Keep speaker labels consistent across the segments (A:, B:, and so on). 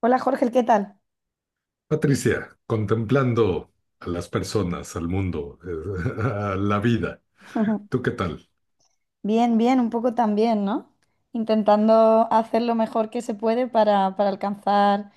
A: Hola Jorge, ¿qué tal?
B: Patricia, contemplando a las personas, al mundo, a la vida, ¿tú qué tal?
A: Bien, bien, un poco también, ¿no? Intentando hacer lo mejor que se puede para alcanzar,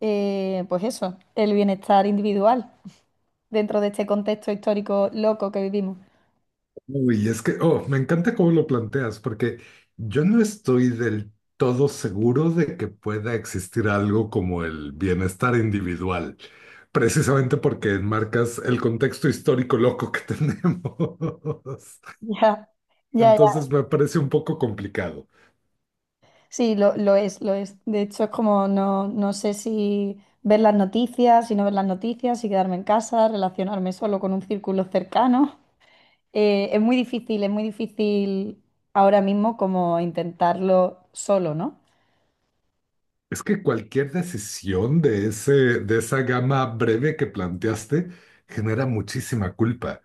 A: pues eso, el bienestar individual dentro de este contexto histórico loco que vivimos.
B: Uy, es que, oh, me encanta cómo lo planteas, porque yo no estoy del todo seguro de que pueda existir algo como el bienestar individual, precisamente porque enmarcas el contexto histórico loco que tenemos.
A: Ya, ya, ya.
B: Entonces me parece un poco complicado.
A: Sí, lo es, lo es. De hecho, es como no, no sé si ver las noticias, si no ver las noticias, si quedarme en casa, relacionarme solo con un círculo cercano. Es muy difícil, es muy difícil ahora mismo como intentarlo solo, ¿no?
B: Es que cualquier decisión de esa gama breve que planteaste genera muchísima culpa.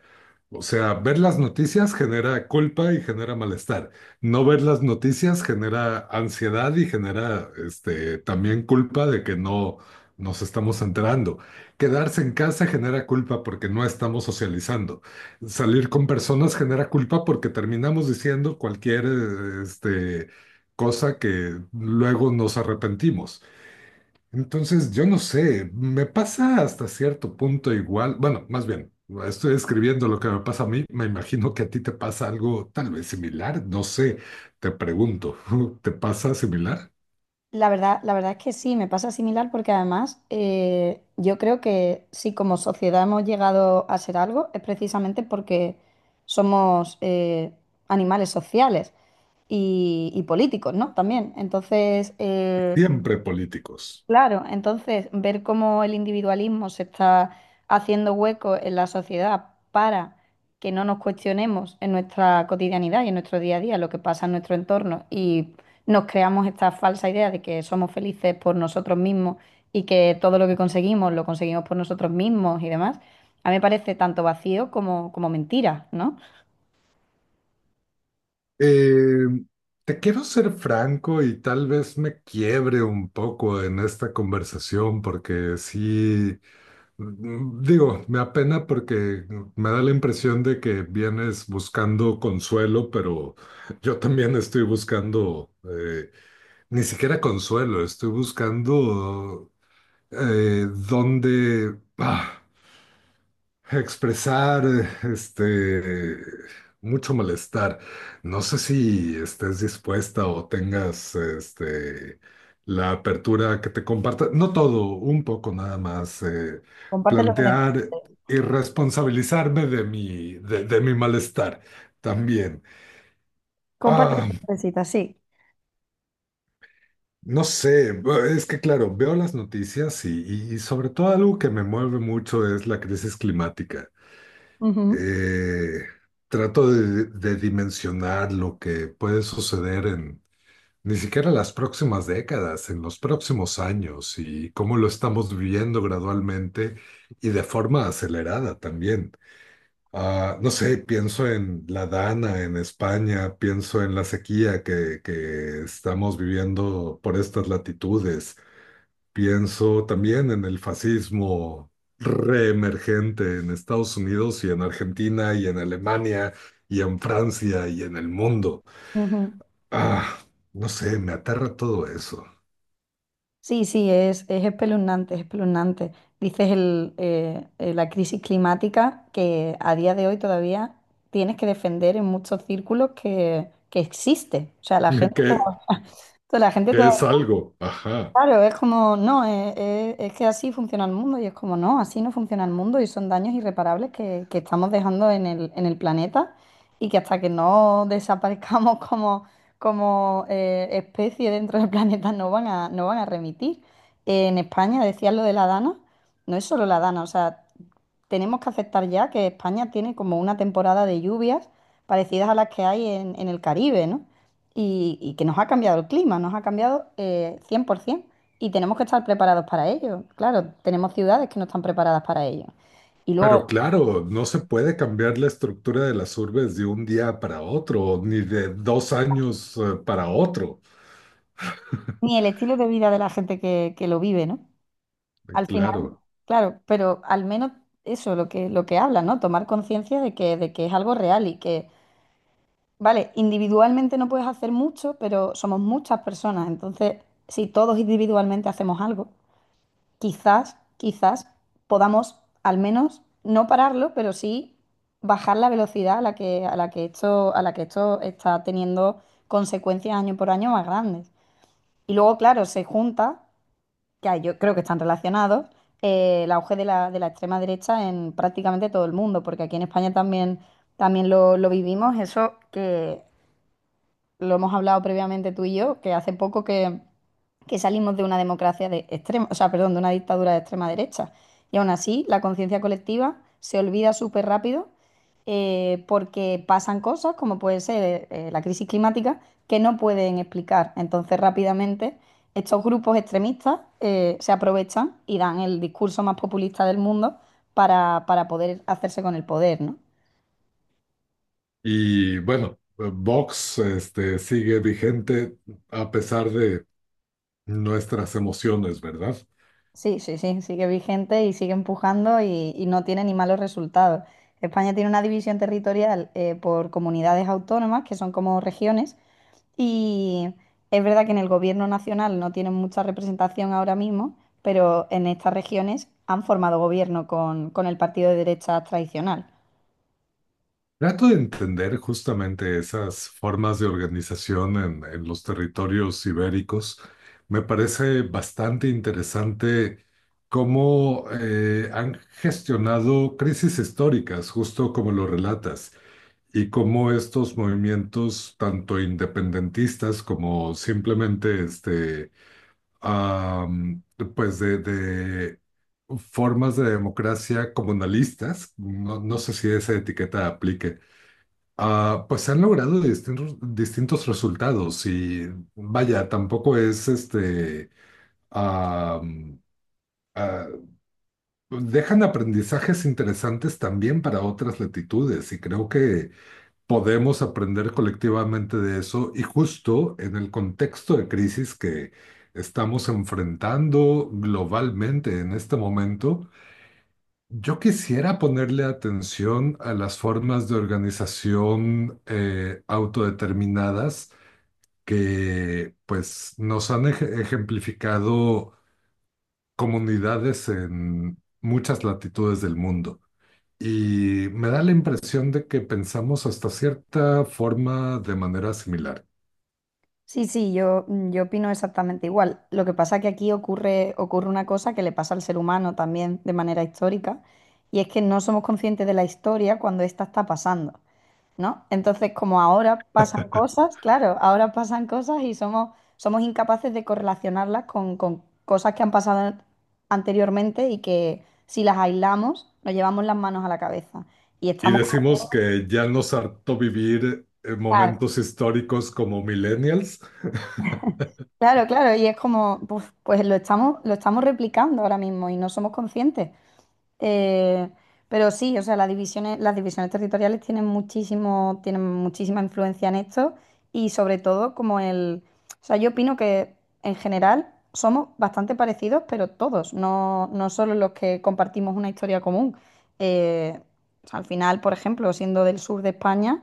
B: O sea, ver las noticias genera culpa y genera malestar. No ver las noticias genera ansiedad y genera, también culpa de que no nos estamos enterando. Quedarse en casa genera culpa porque no estamos socializando. Salir con personas genera culpa porque terminamos diciendo cualquier, cosa que luego nos arrepentimos. Entonces, yo no sé, me pasa hasta cierto punto igual, bueno, más bien, estoy escribiendo lo que me pasa a mí, me imagino que a ti te pasa algo tal vez similar, no sé, te pregunto, ¿te pasa similar?
A: La verdad es que sí, me pasa similar porque además yo creo que si como sociedad hemos llegado a ser algo es precisamente porque somos animales sociales y políticos, ¿no? También.
B: Siempre políticos.
A: Claro, entonces ver cómo el individualismo se está haciendo hueco en la sociedad para que no nos cuestionemos en nuestra cotidianidad y en nuestro día a día lo que pasa en nuestro entorno y nos creamos esta falsa idea de que somos felices por nosotros mismos y que todo lo que conseguimos lo conseguimos por nosotros mismos y demás, a mí me parece tanto vacío como, como mentira, ¿no?
B: Eh, Te quiero ser franco y tal vez me quiebre un poco en esta conversación porque sí. Mm, digo, me apena porque me da la impresión de que vienes buscando consuelo, pero yo también estoy buscando, ni siquiera consuelo, estoy buscando, dónde, expresar este mucho malestar. No sé si estés dispuesta o tengas la apertura que te comparta, no todo, un poco nada más,
A: Comparte lo que
B: plantear
A: necesites.
B: y responsabilizarme de mi malestar también.
A: Comparte lo
B: Ah,
A: que necesitas, sí.
B: no sé, es que claro, veo las noticias y sobre todo algo que me mueve mucho es la crisis climática.
A: Ujú,
B: eh, Trato de dimensionar lo que puede suceder en ni siquiera las próximas décadas, en los próximos años y cómo lo estamos viviendo gradualmente y de forma acelerada también. No sé, pienso en la Dana en España, pienso en la sequía que estamos viviendo por estas latitudes. Pienso también en el fascismo reemergente en Estados Unidos y en Argentina y en Alemania y en Francia y en el mundo.
A: ujú.
B: Ah, no sé, me aterra todo eso.
A: Sí, sí, es espeluznante, es espeluznante. Dices el, la crisis climática que a día de hoy todavía tienes que defender en muchos círculos que existe. O sea, la gente,
B: Que,
A: la gente
B: que
A: todavía...
B: es algo, ajá.
A: Claro, es como, no, es, es que así funciona el mundo y es como, no, así no funciona el mundo y son daños irreparables que estamos dejando en el planeta y que hasta que no desaparezcamos como, como especie dentro del planeta no van a, no van a remitir. En España, decías lo de la Dana, no es solo la Dana, o sea, tenemos que aceptar ya que España tiene como una temporada de lluvias parecidas a las que hay en el Caribe, ¿no? Y que nos ha cambiado el clima, nos ha cambiado 100% y tenemos que estar preparados para ello. Claro, tenemos ciudades que no están preparadas para ello. Y luego,
B: Pero claro, no se puede cambiar la estructura de las urbes de un día para otro, ni de dos años, para otro.
A: ni el estilo de vida de la gente que lo vive, ¿no? Al final,
B: Claro.
A: claro, pero al menos eso, lo que habla, ¿no? Tomar conciencia de que es algo real y que, vale, individualmente no puedes hacer mucho, pero somos muchas personas, entonces, si todos individualmente hacemos algo. Quizás, quizás podamos al menos no pararlo, pero sí bajar la velocidad a la que esto, a la que esto está teniendo consecuencias año por año más grandes. Y luego, claro, se junta, que yo creo que están relacionados, el auge de la extrema derecha en prácticamente todo el mundo, porque aquí en España también, también lo vivimos, eso que lo hemos hablado previamente tú y yo, que hace poco que salimos de una democracia de extrema, o sea, perdón, de una dictadura de extrema derecha. Y aún así, la conciencia colectiva se olvida súper rápido porque pasan cosas, como puede ser la crisis climática, que no pueden explicar. Entonces, rápidamente, estos grupos extremistas se aprovechan y dan el discurso más populista del mundo para poder hacerse con el poder, ¿no?
B: Y bueno, Vox, sigue vigente a pesar de nuestras emociones, ¿verdad?
A: Sí, sí, sí, sigue vigente y sigue empujando y no tiene ni malos resultados. España tiene una división territorial por comunidades autónomas, que son como regiones, y es verdad que en el gobierno nacional no tienen mucha representación ahora mismo, pero en estas regiones han formado gobierno con el partido de derecha tradicional.
B: Trato de entender justamente esas formas de organización en los territorios ibéricos. Me parece bastante interesante cómo, han gestionado crisis históricas, justo como lo relatas, y cómo estos movimientos, tanto independentistas como simplemente, am, pues de formas de democracia comunalistas, no, no sé si esa etiqueta aplique, pues se han logrado distintos, distintos resultados y vaya, tampoco es, am, ah, dejan aprendizajes interesantes también para otras latitudes y creo que podemos aprender colectivamente de eso y justo en el contexto de crisis que estamos enfrentando globalmente en este momento, yo quisiera ponerle atención a las formas de organización, autodeterminadas que pues nos han ejemplificado comunidades en muchas latitudes del mundo. Y me da la impresión de que pensamos hasta cierta forma de manera similar.
A: Sí, sí, yo, yo opino exactamente igual. Lo que pasa es que aquí ocurre, ocurre una cosa que le pasa al ser humano también de manera histórica, y es que no somos conscientes de la historia cuando esta está pasando, ¿no? Entonces, como ahora pasan cosas, claro, ahora pasan cosas y somos, somos incapaces de correlacionarlas con cosas que han pasado anteriormente y que si las aislamos, nos llevamos las manos a la cabeza. Y
B: Y
A: estamos
B: decimos que ya nos hartó vivir, momentos históricos como millennials.
A: claro, claro, y es como, pues, pues lo estamos replicando ahora mismo y no somos conscientes. Eh, pero sí, o sea, las divisiones territoriales tienen muchísimo, tienen muchísima influencia en esto y sobre todo como el, o sea, yo opino que en general somos bastante parecidos, pero todos, no, no solo los que compartimos una historia común. Eh, o sea, al final, por ejemplo, siendo del sur de España,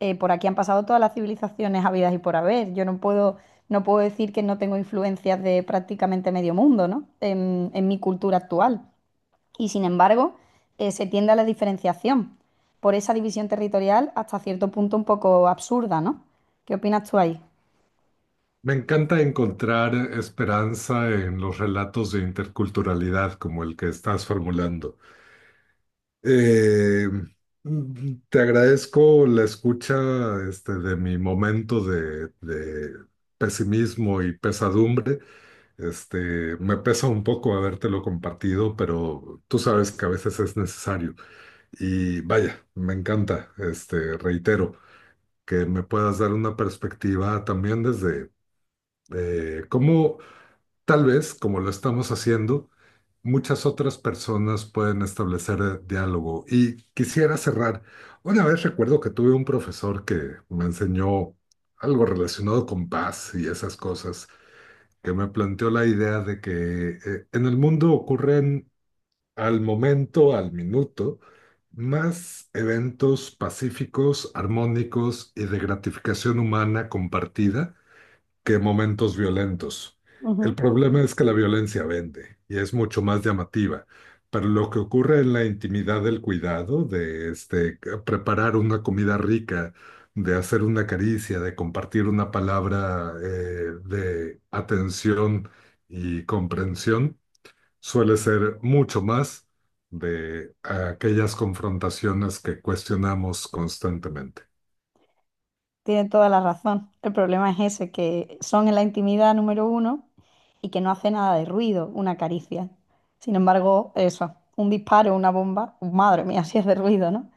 A: por aquí han pasado todas las civilizaciones habidas y por haber. Yo no puedo, no puedo decir que no tengo influencias de prácticamente medio mundo, ¿no? En mi cultura actual y sin embargo se tiende a la diferenciación por esa división territorial hasta cierto punto un poco absurda, ¿no? ¿Qué opinas tú ahí?
B: Me encanta encontrar esperanza en los relatos de interculturalidad como el que estás formulando. Eh, Te agradezco la escucha, de mi momento de pesimismo y pesadumbre. Me pesa un poco habértelo compartido, pero tú sabes que a veces es necesario. Y vaya, me encanta, reitero, que me puedas dar una perspectiva también desde, cómo. Tal vez, como lo estamos haciendo, muchas otras personas pueden establecer, diálogo. Y quisiera cerrar. Una vez recuerdo que tuve un profesor que me enseñó algo relacionado con paz y esas cosas, que me planteó la idea de que, en el mundo ocurren al momento, al minuto, más eventos pacíficos, armónicos y de gratificación humana compartida que momentos violentos. El
A: Ujú.
B: problema es que la violencia vende y es mucho más llamativa. Pero lo que ocurre en la intimidad del cuidado, de, preparar una comida rica, de hacer una caricia, de compartir una palabra, de atención y comprensión, suele ser mucho más de aquellas confrontaciones que cuestionamos constantemente.
A: Tienes toda la razón. El problema es ese, que son en la intimidad número uno y que no hace nada de ruido una caricia. Sin embargo, eso, un disparo, una bomba, madre mía, si es de ruido, ¿no?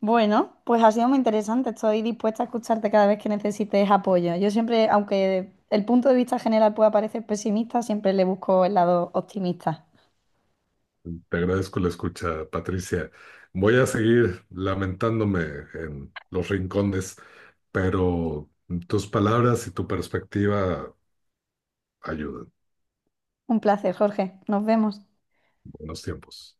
A: Bueno, pues ha sido muy interesante. Estoy dispuesta a escucharte cada vez que necesites apoyo. Yo siempre, aunque el punto de vista general pueda parecer pesimista, siempre le busco el lado optimista.
B: Te agradezco la escucha, Patricia. Voy a seguir lamentándome en los rincones, pero tus palabras y tu perspectiva ayudan.
A: Un placer, Jorge. Nos vemos.
B: Buenos tiempos.